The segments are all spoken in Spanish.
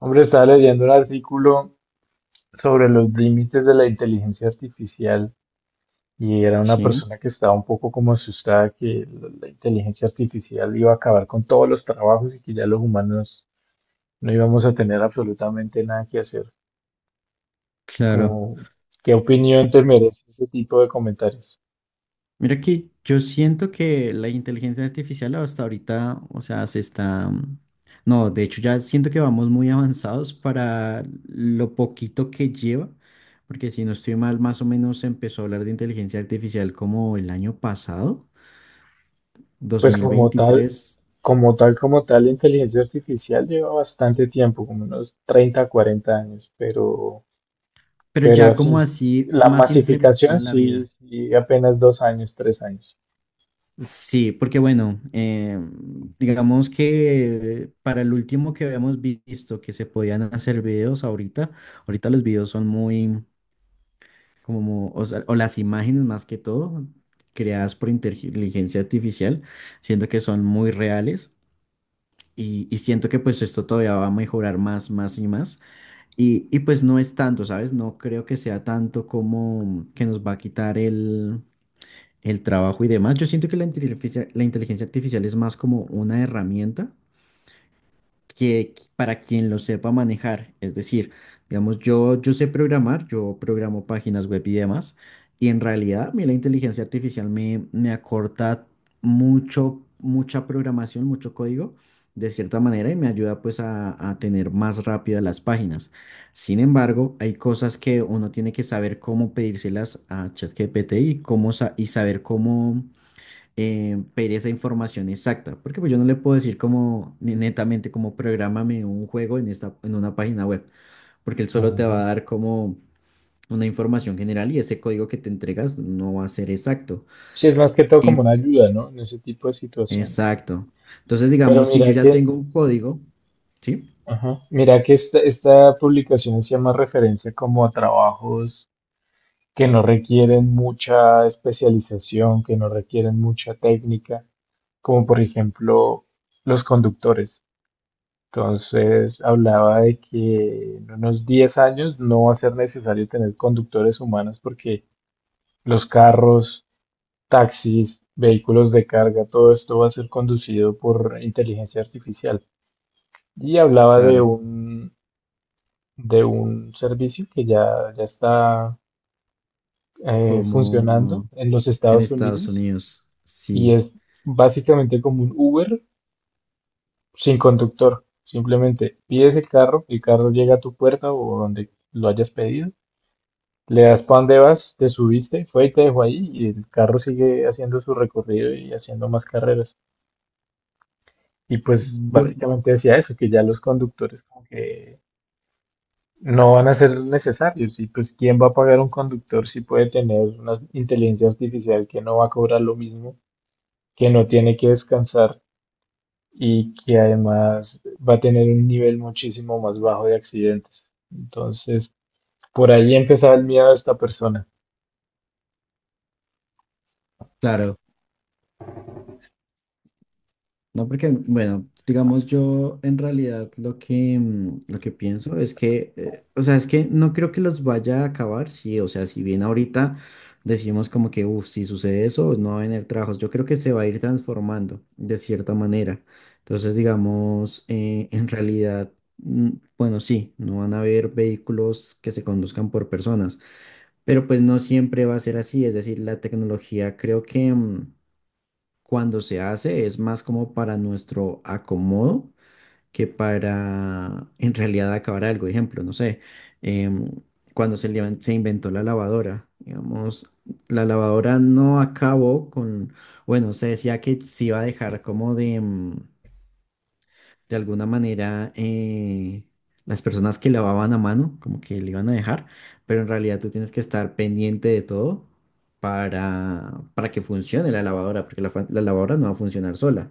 Hombre, estaba leyendo un artículo sobre los límites de la inteligencia artificial y era una Sí, persona que estaba un poco como asustada que la inteligencia artificial iba a acabar con todos los trabajos y que ya los humanos no íbamos a tener absolutamente nada que hacer. claro. Como, ¿qué opinión te merece ese tipo de comentarios? Mira que yo siento que la inteligencia artificial hasta ahorita, o sea, se está... No, de hecho ya siento que vamos muy avanzados para lo poquito que lleva, porque si no estoy mal, más o menos se empezó a hablar de inteligencia artificial como el año pasado, dos Pues mil como tal, veintitrés, como tal, como tal, la inteligencia artificial lleva bastante tiempo, como unos 30, 40 años, pero... pero Pero ya como así así la más implementada masificación en la sí, vida. sí, apenas 2 años, 3 años. Sí, porque bueno, digamos que para el último que habíamos visto que se podían hacer videos ahorita, ahorita los videos son muy como, o sea, o las imágenes más que todo, creadas por inteligencia artificial, siento que son muy reales y siento que pues esto todavía va a mejorar más, más y más. Y pues no es tanto, ¿sabes? No creo que sea tanto como que nos va a quitar el trabajo y demás. Yo siento que la inteligencia artificial es más como una herramienta que para quien lo sepa manejar. Es decir, digamos, yo sé programar, yo programo páginas web y demás, y en realidad a mí la inteligencia artificial me acorta mucho, mucha programación, mucho código de cierta manera y me ayuda pues a tener más rápido las páginas. Sin embargo, hay cosas que uno tiene que saber cómo pedírselas a ChatGPT y cómo y saber cómo pedir esa información exacta, porque pues yo no le puedo decir como netamente como prográmame un juego en esta, en una página web, porque él solo te va Ujú. a dar como una información general y ese código que te entregas no va a ser exacto. Sí, es más que todo como En- una ayuda, ¿no? En ese tipo de situaciones. exacto. Entonces, Pero digamos, si yo mira ya que, tengo un código, ¿sí? ajá, mira que esta publicación hacía más referencia como a trabajos que no requieren mucha especialización, que no requieren mucha técnica, como por ejemplo los conductores. Entonces hablaba de que en unos 10 años no va a ser necesario tener conductores humanos porque los carros, taxis, vehículos de carga, todo esto va a ser conducido por inteligencia artificial. Y hablaba de Claro, un, de un servicio que ya está funcionando como en los en Estados Estados Unidos Unidos, y sí. es básicamente como un Uber sin conductor. Simplemente pides el carro llega a tu puerta o donde lo hayas pedido, le das para dónde vas, te subiste, fue y te dejó ahí y el carro sigue haciendo su recorrido y haciendo más carreras. Y pues Bueno, básicamente decía eso, que ya los conductores como que no van a ser necesarios. Y pues, ¿quién va a pagar un conductor si puede tener una inteligencia artificial que no va a cobrar lo mismo, que no tiene que descansar y que además va a tener un nivel muchísimo más bajo de accidentes? Entonces, por ahí empezaba el miedo de esta persona. claro. No, porque, bueno, digamos, yo en realidad lo que, lo que pienso es que, o sea, es que no creo que los vaya a acabar, sí, o sea, si bien ahorita decimos como que, uff, si sucede eso, no va a venir trabajos, yo creo que se va a ir transformando de cierta manera. Entonces, digamos, en realidad, mm, bueno, sí, no van a haber vehículos que se conduzcan por personas, pero pues no siempre va a ser así, es decir, la tecnología creo que... cuando se hace es más como para nuestro acomodo que para en realidad acabar algo. Ejemplo, no sé, em, cuando se inventó la lavadora, digamos, la lavadora no acabó con, bueno, se decía que se iba a dejar como de... de alguna manera las personas que lavaban a mano, como que le iban a dejar, pero en realidad tú tienes que estar pendiente de todo para que funcione la lavadora, porque la lavadora no va a funcionar sola.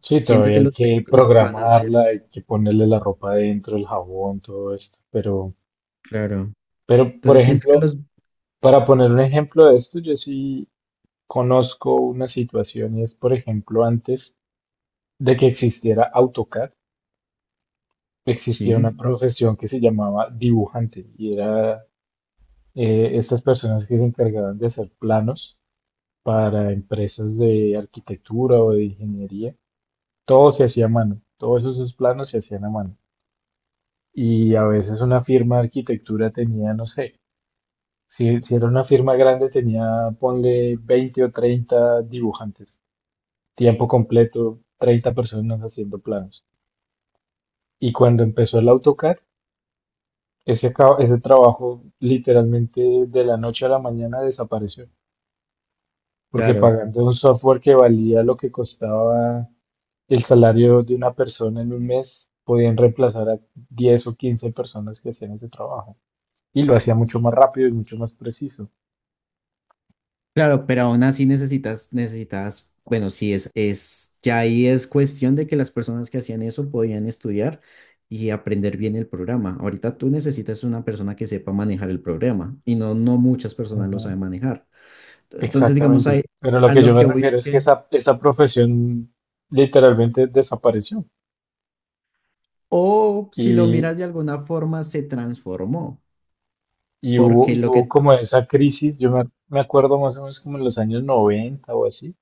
Sí, Siento todavía que hay los que vehículos van a programarla, ser, hay que ponerle la ropa adentro, el jabón, todo esto. Pero, claro. pero, por Entonces siento que ejemplo, los, para poner un ejemplo de esto, yo sí conozco una situación y es, por ejemplo, antes de que existiera AutoCAD, existía una sí, profesión que se llamaba dibujante y era estas personas que se encargaban de hacer planos para empresas de arquitectura o de ingeniería. Todo se hacía a mano, todos esos planos se hacían a mano. Y a veces una firma de arquitectura tenía, no sé, si era una firma grande tenía, ponle 20 o 30 dibujantes, tiempo completo, 30 personas haciendo planos. Y cuando empezó el AutoCAD, ese trabajo literalmente de la noche a la mañana desapareció, porque claro. pagando un software que valía lo que costaba el salario de una persona en un mes, podían reemplazar a 10 o 15 personas que hacían ese trabajo. Y lo hacía mucho más rápido y mucho más preciso. Claro, pero aún así necesitas, necesitas, bueno, sí, es, ya ahí es cuestión de que las personas que hacían eso podían estudiar y aprender bien el programa. Ahorita tú necesitas una persona que sepa manejar el programa y no, no muchas personas lo Ujú. saben manejar. Entonces, digamos, Exactamente. ahí, Pero lo a que lo yo me que voy refiero es es que que, esa profesión literalmente desapareció. o si lo miras de alguna forma, se transformó, Y hubo, porque y lo hubo que, como esa crisis, me acuerdo más o menos como en los años 90 o así,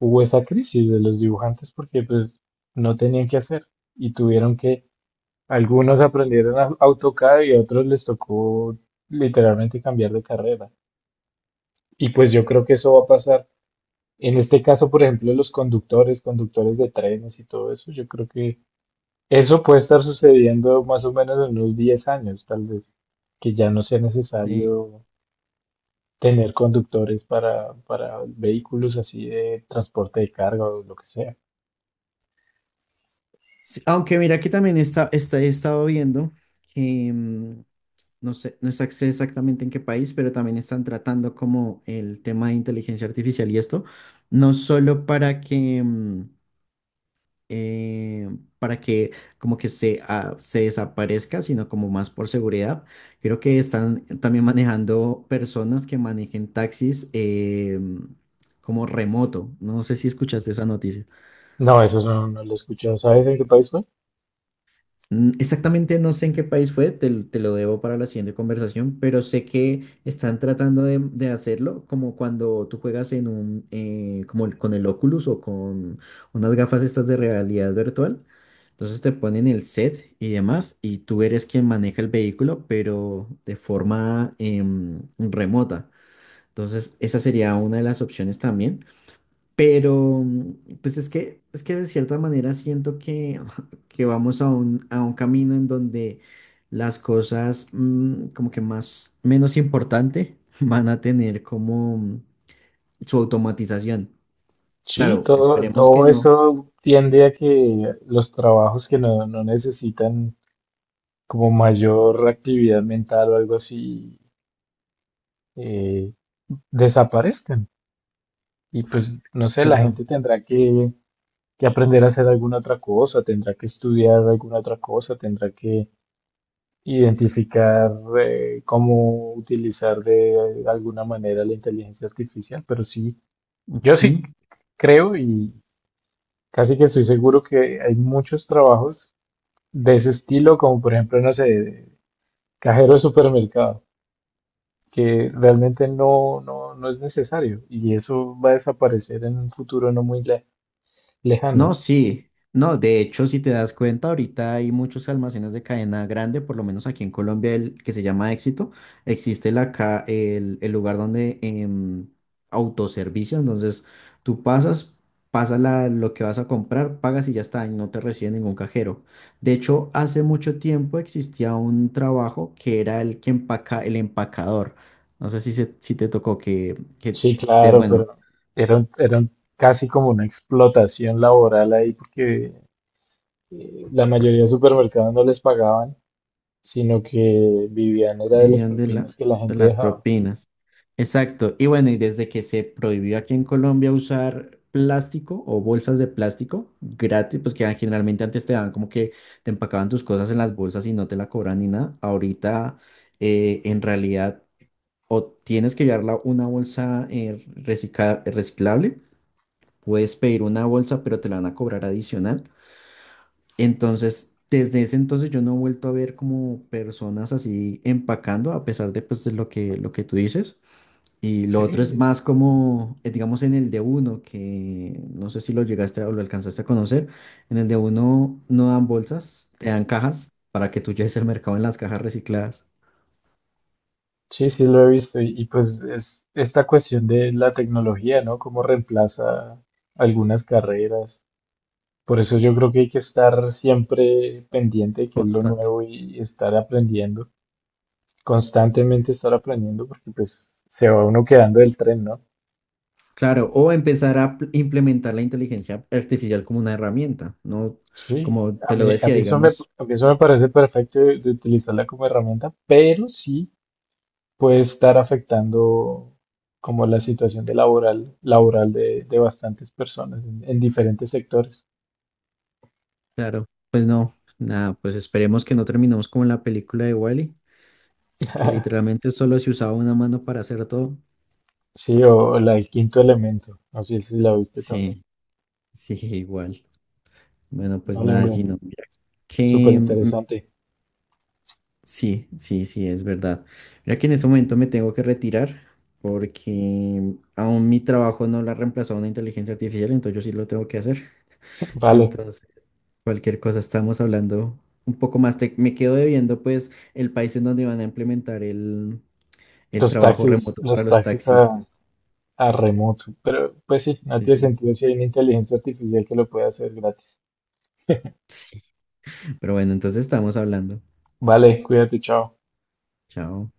hubo esa crisis de los dibujantes porque pues no tenían qué hacer y tuvieron que, algunos aprendieron a AutoCAD y a otros les tocó literalmente cambiar de carrera. Y pues yo creo que eso va a pasar. En este caso, por ejemplo, los conductores, conductores de trenes y todo eso, yo creo que eso puede estar sucediendo más o menos en unos 10 años, tal vez, que ya no sea sí. necesario tener conductores para, vehículos así de transporte de carga o lo que sea. Sí, aunque mira que también está, está, he estado viendo que... no sé, no sé exactamente en qué país, pero también están tratando como el tema de inteligencia artificial y esto, no solo para que, eh, para que como que ah, se desaparezca, sino como más por seguridad. Creo que están también manejando personas que manejen taxis como remoto. No sé si escuchaste esa noticia. No, eso no, no lo he escuchado. ¿Sabes en qué país fue? Exactamente no sé en qué país fue, te lo debo para la siguiente conversación, pero sé que están tratando de hacerlo como cuando tú juegas en un, como con el Oculus o con unas gafas estas de realidad virtual. Entonces te ponen el set y demás y tú eres quien maneja el vehículo, pero de forma remota. Entonces esa sería una de las opciones también. Pero, mm, pues es que de cierta manera siento que, que vamos a un camino en donde las cosas como que más, menos importante van a tener como su automatización. Sí, Claro, todo, esperemos que todo no. eso tiende a que los trabajos que no necesitan como mayor actividad mental o algo así eh, desaparezcan. Y pues, no sé, la Claro. gente tendrá que aprender a hacer alguna otra cosa, tendrá que estudiar alguna otra cosa, tendrá que identificar cómo utilizar de alguna manera la inteligencia artificial, pero sí, yo Ujú. sí creo y casi que estoy seguro que hay muchos trabajos de ese estilo, como por ejemplo, no sé, cajero de supermercado, que realmente no es necesario y eso va a desaparecer en un futuro no muy No, lejano. sí, no, de hecho, si te das cuenta, ahorita hay muchos almacenes de cadena grande, por lo menos aquí en Colombia, el que se llama Éxito, existe el lugar donde autoservicio, entonces tú pasas, pasas lo que vas a comprar, pagas y ya está, y no te recibe ningún cajero. De hecho, hace mucho tiempo existía un trabajo que era el que empaca, el empacador. No sé si, si te tocó que Sí, te, claro, bueno, pero era casi como una explotación laboral ahí porque la mayoría de supermercados no les pagaban, sino que vivían era de las vivían de propinas que la de gente las dejaba. propinas. Exacto. Y bueno, y desde que se prohibió aquí en Colombia usar plástico o bolsas de plástico gratis, pues que ah, generalmente antes te daban como que te empacaban tus cosas en las bolsas y no te la cobran ni nada. Ahorita en realidad o tienes que llevarla una bolsa reciclable, puedes pedir una bolsa, pero te la van a cobrar adicional. Entonces, desde ese entonces yo no he vuelto a ver como personas así empacando, a pesar de pues de lo que tú dices. Y lo Sí, otro es es- más como, digamos, en el de uno, que no sé si lo llegaste o lo alcanzaste a conocer. En el de uno no dan bolsas, te dan cajas para que tú lleves el mercado en las cajas recicladas. sí, sí lo he visto y, pues es esta cuestión de la tecnología, ¿no? Cómo reemplaza algunas carreras. Por eso yo creo que hay que estar siempre pendiente de qué es lo Constante. nuevo y estar aprendiendo, constantemente estar aprendiendo porque pues se va uno quedando del tren, ¿no? Claro, o empezar a implementar la inteligencia artificial como una herramienta, ¿no? Sí. Como A te lo mí, a decía, mí eso me, digamos. a mí eso me parece perfecto de utilizarla como herramienta, pero sí puede estar afectando como la situación de laboral de bastantes personas en diferentes sectores. Claro, pues no, nada, pues esperemos que no terminemos como en la película de Wally, que literalmente solo se usaba una mano para hacer todo. Sí, o la del quinto elemento, no sé si la viste también. Sí, sí, igual. Bueno, pues Vale, nada, hombre, Gino, mira súper que interesante. sí, sí, sí, es verdad. Mira que en este momento me tengo que retirar porque aún mi trabajo no lo ha reemplazado una inteligencia artificial, entonces yo sí lo tengo que hacer. Vale, Entonces, cualquier cosa estamos hablando un poco más. Me quedo debiendo pues el país en donde van a implementar el los trabajo taxis, remoto para los los taxis a, taxistas. a remoto, pero pues sí, no Sí, tiene sí. sentido si hay una inteligencia artificial que lo puede hacer gratis. Sí. Pero bueno, entonces estamos hablando. Vale, cuídate, chao. Chao.